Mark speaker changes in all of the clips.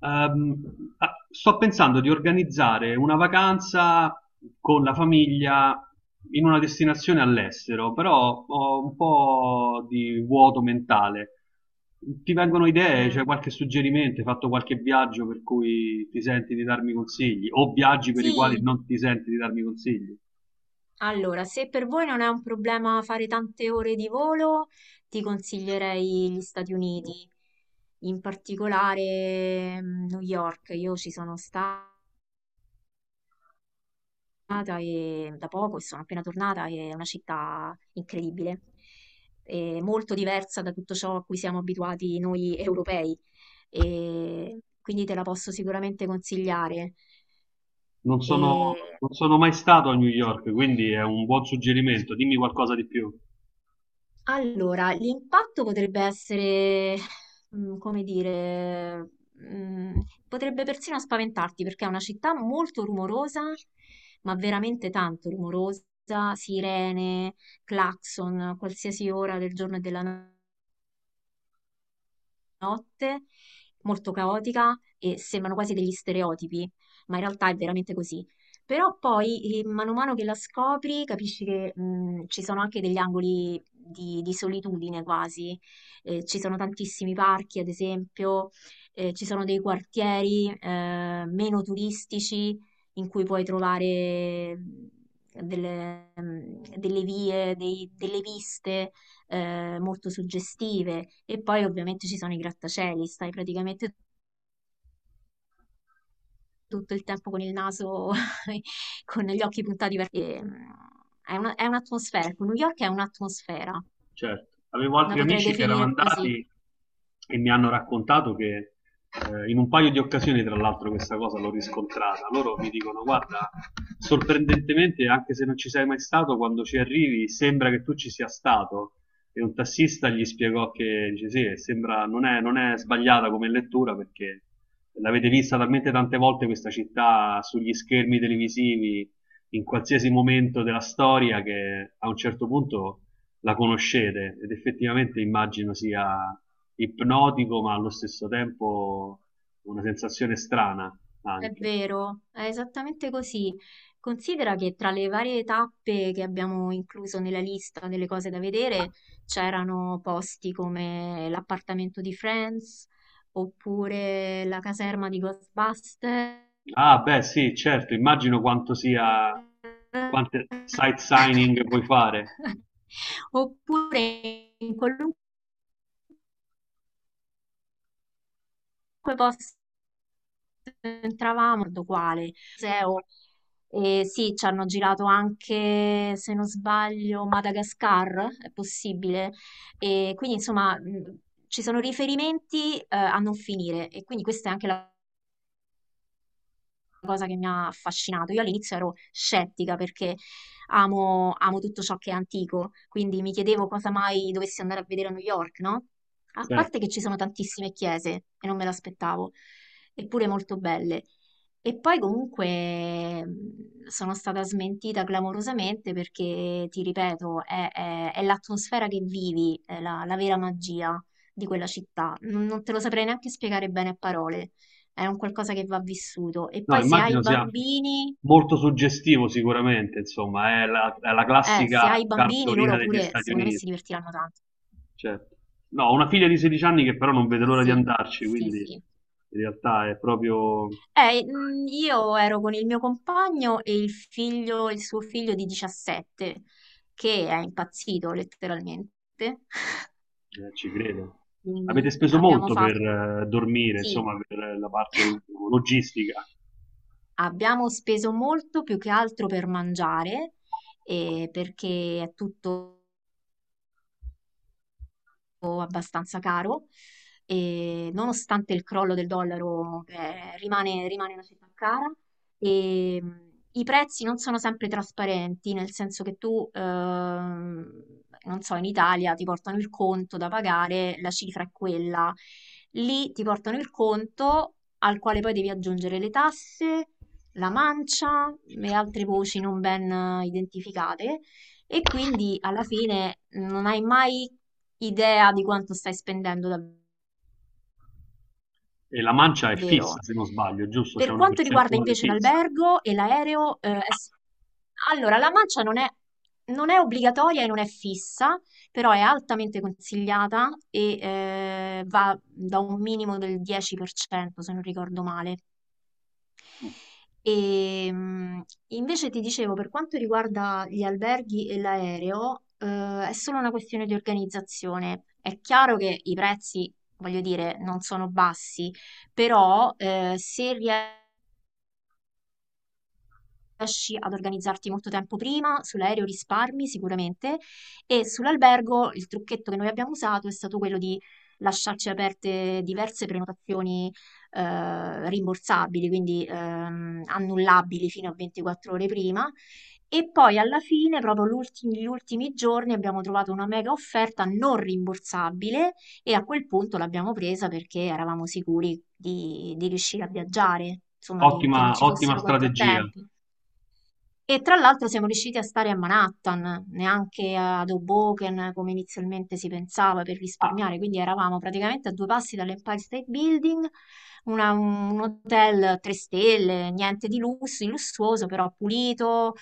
Speaker 1: Ehm, Sto pensando di organizzare una vacanza con la famiglia in una destinazione all'estero, però ho un po' di vuoto mentale. Ti vengono idee? C'è
Speaker 2: Mm,
Speaker 1: qualche suggerimento? Hai fatto qualche viaggio per cui ti senti di darmi consigli? O viaggi per i quali
Speaker 2: Sì,
Speaker 1: non ti senti di darmi consigli?
Speaker 2: allora, se per voi non è un problema fare tante ore di volo, ti consiglierei gli Stati Uniti, in particolare New York. Io ci sono stata da poco e sono appena tornata e è una città incredibile, e molto diversa da tutto ciò a cui siamo abituati noi europei, e quindi te la posso sicuramente consigliare.
Speaker 1: Non sono,
Speaker 2: E
Speaker 1: non sono mai stato a New York, quindi è un buon suggerimento. Dimmi qualcosa di più.
Speaker 2: Allora, l'impatto potrebbe essere, mm, come dire, mm, potrebbe persino spaventarti perché è una città molto rumorosa, ma veramente tanto rumorosa, sirene, clacson, qualsiasi ora del giorno e della notte, molto caotica e sembrano quasi degli stereotipi, ma in realtà è veramente così. Però poi, mano a mano che la scopri, capisci che ci sono anche degli angoli di solitudine quasi. Ci sono tantissimi parchi, ad esempio, ci sono dei quartieri meno turistici in cui puoi trovare delle vie, delle viste molto suggestive. E poi ovviamente ci sono i grattacieli, stai praticamente tutto il tempo con il naso, con gli occhi puntati per... è è un'atmosfera, ecco, New York è un'atmosfera,
Speaker 1: Certo, avevo
Speaker 2: la
Speaker 1: altri
Speaker 2: potrei
Speaker 1: amici che erano
Speaker 2: definire così.
Speaker 1: andati e mi hanno raccontato che in un paio di occasioni, tra l'altro, questa cosa l'ho riscontrata. Loro mi dicono: Guarda, sorprendentemente, anche se non ci sei mai stato, quando ci arrivi sembra che tu ci sia stato. E un tassista gli spiegò che dice: Sì, sembra, non è sbagliata come lettura perché l'avete vista talmente tante volte questa città sugli schermi televisivi in qualsiasi momento della storia che a un certo punto la conoscete ed effettivamente immagino sia ipnotico, ma allo stesso tempo una sensazione strana
Speaker 2: È
Speaker 1: anche.
Speaker 2: vero, è esattamente così. Considera che tra le varie tappe che abbiamo incluso nella lista delle cose da vedere c'erano posti come l'appartamento di Friends oppure la caserma di Ghostbusters.
Speaker 1: Ah, beh, sì, certo, immagino quanto sia, quante sight signing puoi fare.
Speaker 2: Oppure in qualunque posto entravamo, guardo quale, museo, e sì, ci hanno girato anche, se non sbaglio, Madagascar, è possibile. E quindi, insomma, ci sono riferimenti, a non finire e quindi questa è anche la cosa che mi ha affascinato. Io all'inizio ero scettica perché amo tutto ciò che è antico, quindi mi chiedevo cosa mai dovessi andare a vedere a New York, no? A
Speaker 1: Certo.
Speaker 2: parte che ci sono tantissime chiese e non me l'aspettavo, eppure molto belle. E poi comunque sono stata smentita clamorosamente perché, ti ripeto, è l'atmosfera che vivi, è la vera magia di quella città. Non te lo saprei neanche spiegare bene a parole, è un qualcosa che va vissuto. E
Speaker 1: No,
Speaker 2: poi se hai
Speaker 1: immagino sia
Speaker 2: bambini,
Speaker 1: molto suggestivo sicuramente, insomma, è la
Speaker 2: se hai
Speaker 1: classica
Speaker 2: bambini,
Speaker 1: cartolina
Speaker 2: loro
Speaker 1: degli
Speaker 2: pure,
Speaker 1: Stati
Speaker 2: secondo me,
Speaker 1: Uniti.
Speaker 2: si divertiranno tanto.
Speaker 1: Certo. No, ho una figlia di 16 anni che però non vede l'ora di
Speaker 2: Sì,
Speaker 1: andarci,
Speaker 2: sì,
Speaker 1: quindi
Speaker 2: sì.
Speaker 1: in realtà è proprio.
Speaker 2: Io ero con il mio compagno e il figlio, il suo figlio di 17, che è impazzito letteralmente.
Speaker 1: Ci credo. Avete
Speaker 2: Quindi
Speaker 1: speso
Speaker 2: abbiamo
Speaker 1: molto per
Speaker 2: fatto,
Speaker 1: dormire,
Speaker 2: sì,
Speaker 1: insomma, per logistica.
Speaker 2: abbiamo speso molto più che altro per mangiare, perché è tutto abbastanza caro e nonostante il crollo del dollaro rimane una città cara e i prezzi non sono sempre trasparenti, nel senso che tu, non so, in Italia ti portano il conto da pagare, la cifra è quella, lì ti portano il conto al quale poi devi aggiungere le tasse, la mancia e altre voci non ben identificate. E quindi alla fine non hai mai idea di quanto stai spendendo
Speaker 1: E la mancia è
Speaker 2: davvero.
Speaker 1: fissa, se non sbaglio, giusto? C'è
Speaker 2: Per
Speaker 1: una
Speaker 2: quanto riguarda
Speaker 1: percentuale
Speaker 2: invece
Speaker 1: fissa.
Speaker 2: l'albergo e l'aereo, allora la mancia non è obbligatoria e non è fissa, però è altamente consigliata e va da un minimo del 10%, se non ricordo male.
Speaker 1: Mm.
Speaker 2: E, mh, invece ti dicevo, per quanto riguarda gli alberghi e l'aereo, è solo una questione di organizzazione. È chiaro che i prezzi, voglio dire, non sono bassi, però se riesci ad organizzarti molto tempo prima, sull'aereo risparmi sicuramente e sull'albergo il trucchetto che noi abbiamo usato è stato quello di lasciarci aperte diverse prenotazioni rimborsabili, quindi annullabili fino a 24 ore prima. E poi alla fine, proprio gli ultimi giorni, abbiamo trovato una mega offerta non rimborsabile e a quel punto l'abbiamo presa perché eravamo sicuri di riuscire a viaggiare, insomma, che non
Speaker 1: Ottima,
Speaker 2: ci
Speaker 1: ottima
Speaker 2: fossero
Speaker 1: strategia.
Speaker 2: contrattempi. E tra l'altro siamo riusciti a stare a Manhattan, neanche ad Hoboken come inizialmente si pensava per
Speaker 1: Ah,
Speaker 2: risparmiare, quindi eravamo praticamente a due passi dall'Empire State Building, un hotel 3 stelle, niente di lusso, di lussuoso, però pulito,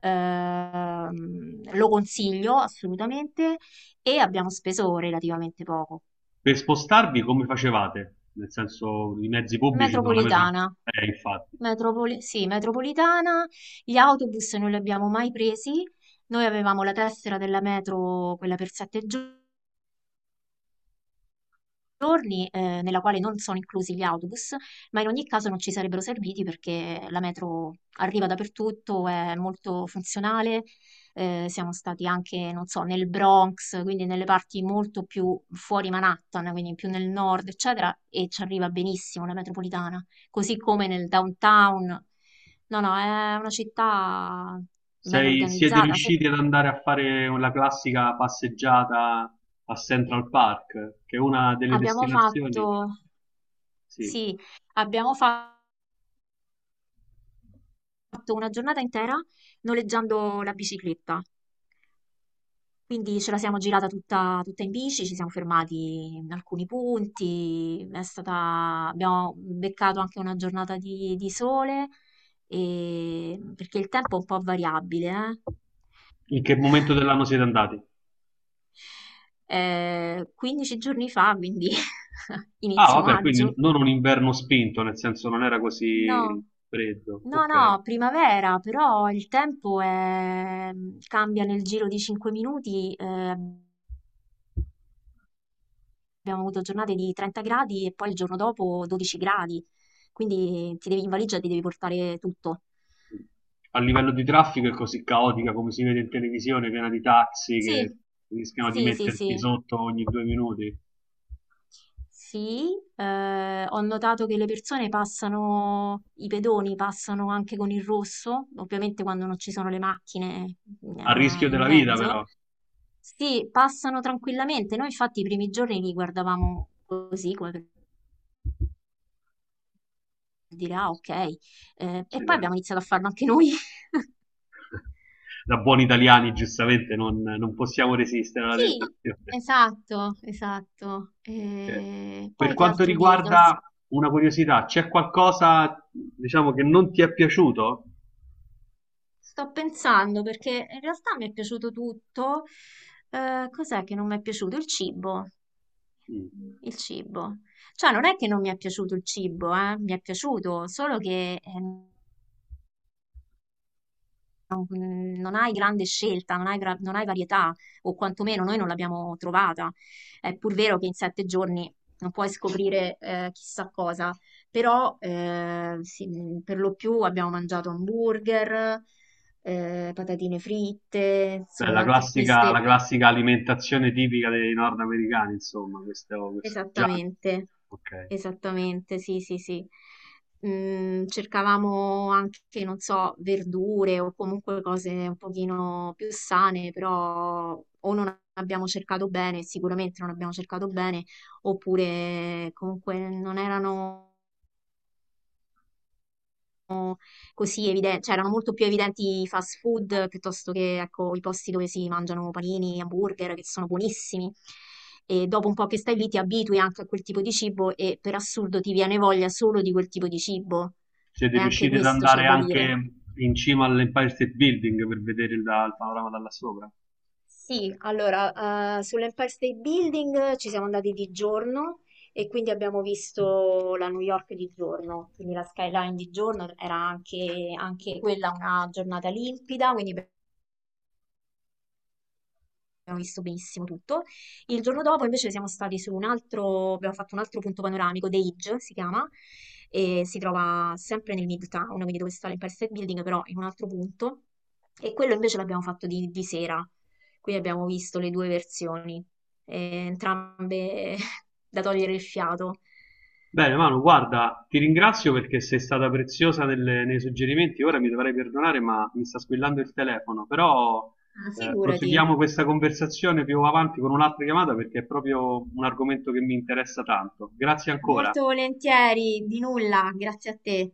Speaker 2: lo consiglio assolutamente e abbiamo speso relativamente poco.
Speaker 1: per spostarvi come facevate? Nel senso, i mezzi pubblici sono la metro...
Speaker 2: Metropolitana.
Speaker 1: Infatti.
Speaker 2: Sì, metropolitana, gli autobus non li abbiamo mai presi, noi avevamo la tessera della metro, quella per sette giorni, nella quale non sono inclusi gli autobus, ma in ogni caso non ci sarebbero serviti perché la metro arriva dappertutto, è molto funzionale. Siamo stati anche, non so, nel Bronx, quindi nelle parti molto più fuori Manhattan, quindi più nel nord, eccetera, e ci arriva benissimo la metropolitana, così come nel downtown. No, no, è una città ben
Speaker 1: Siete
Speaker 2: organizzata.
Speaker 1: riusciti ad andare a fare la classica passeggiata a Central Park, che è una delle
Speaker 2: Abbiamo fatto,
Speaker 1: destinazioni? Sì.
Speaker 2: sì, abbiamo fatto una giornata intera noleggiando la bicicletta. Quindi ce la siamo girata tutta, tutta in bici, ci siamo fermati in alcuni punti, abbiamo beccato anche una giornata di sole, perché il tempo è un po' variabile,
Speaker 1: In che momento dell'anno siete andati?
Speaker 2: 15 giorni fa, quindi
Speaker 1: Ah,
Speaker 2: inizio
Speaker 1: vabbè, quindi
Speaker 2: maggio.
Speaker 1: non un inverno spinto, nel senso non era così
Speaker 2: No,
Speaker 1: freddo.
Speaker 2: no,
Speaker 1: Ok.
Speaker 2: no, primavera, però cambia nel giro di 5 minuti. Abbiamo avuto giornate di 30 gradi e poi il giorno dopo 12 gradi, quindi in valigia ti devi portare tutto.
Speaker 1: A livello di traffico è così caotica come si vede in televisione, piena di taxi
Speaker 2: Sì,
Speaker 1: che rischiano di
Speaker 2: sì, sì,
Speaker 1: metterti
Speaker 2: sì,
Speaker 1: sotto ogni due minuti.
Speaker 2: sì. Ho notato che i pedoni passano anche con il rosso, ovviamente quando non ci sono le macchine
Speaker 1: A rischio
Speaker 2: in
Speaker 1: della vita,
Speaker 2: mezzo.
Speaker 1: però.
Speaker 2: Sì, passano tranquillamente. Noi infatti i primi giorni li guardavamo così, come per dire, ah, ok. E poi
Speaker 1: Accidenti.
Speaker 2: abbiamo iniziato a farlo anche noi.
Speaker 1: Da buoni italiani, giustamente, non possiamo resistere alla
Speaker 2: Sì,
Speaker 1: tentazione.
Speaker 2: esatto, esatto.
Speaker 1: Eh,
Speaker 2: E
Speaker 1: Per
Speaker 2: poi che
Speaker 1: quanto
Speaker 2: altro dirti? Non s-
Speaker 1: riguarda una curiosità, c'è qualcosa, diciamo, che non ti è piaciuto?
Speaker 2: Sto pensando perché in realtà mi è piaciuto tutto. Cos'è che non mi è piaciuto? Il cibo.
Speaker 1: Mm.
Speaker 2: Il cibo. Cioè, non è che non mi è piaciuto il cibo, mi è piaciuto, solo che non hai grande scelta, non hai varietà, o quantomeno noi non l'abbiamo trovata. È pur vero che in 7 giorni non puoi scoprire chissà cosa, però sì, per lo più abbiamo mangiato hamburger, patatine fritte,
Speaker 1: Beh,
Speaker 2: insomma
Speaker 1: la
Speaker 2: anche qui
Speaker 1: classica, la classica alimentazione tipica dei nordamericani, insomma, questo junk.
Speaker 2: esattamente,
Speaker 1: Ok.
Speaker 2: esattamente, sì, sì, sì. Cercavamo anche, non so, verdure o comunque cose un pochino più sane, però o non abbiamo cercato bene, sicuramente non abbiamo cercato bene, oppure comunque non erano così evidenti, cioè erano molto più evidenti i fast food piuttosto che ecco, i posti dove si mangiano panini, hamburger, che sono buonissimi. E dopo un po' che stai lì ti abitui anche a quel tipo di cibo e per assurdo ti viene voglia solo di quel tipo di cibo.
Speaker 1: Siete
Speaker 2: E anche
Speaker 1: riusciti ad
Speaker 2: questo c'è
Speaker 1: andare
Speaker 2: da dire.
Speaker 1: anche in cima all'Empire State Building per vedere il panorama da là sopra?
Speaker 2: Sì, allora, sull'Empire State Building ci siamo andati di giorno e quindi abbiamo visto la New York di giorno, quindi la skyline di giorno era anche, anche quella una giornata limpida, quindi abbiamo visto benissimo tutto. Il giorno dopo invece siamo stati su un altro, abbiamo fatto un altro punto panoramico, The Edge si chiama, e si trova sempre nel Midtown, quindi dove sta l'Empire State Building, però in un altro punto. E quello invece l'abbiamo fatto di sera, quindi abbiamo visto le due versioni, entrambe da togliere il fiato.
Speaker 1: Bene, Manu, guarda, ti ringrazio perché sei stata preziosa nei suggerimenti. Ora mi dovrai perdonare, ma mi sta squillando il telefono. Però
Speaker 2: Ah, figurati,
Speaker 1: proseguiamo questa conversazione più avanti con un'altra chiamata perché è proprio un argomento che mi interessa tanto. Grazie ancora.
Speaker 2: molto volentieri, di nulla, grazie a te.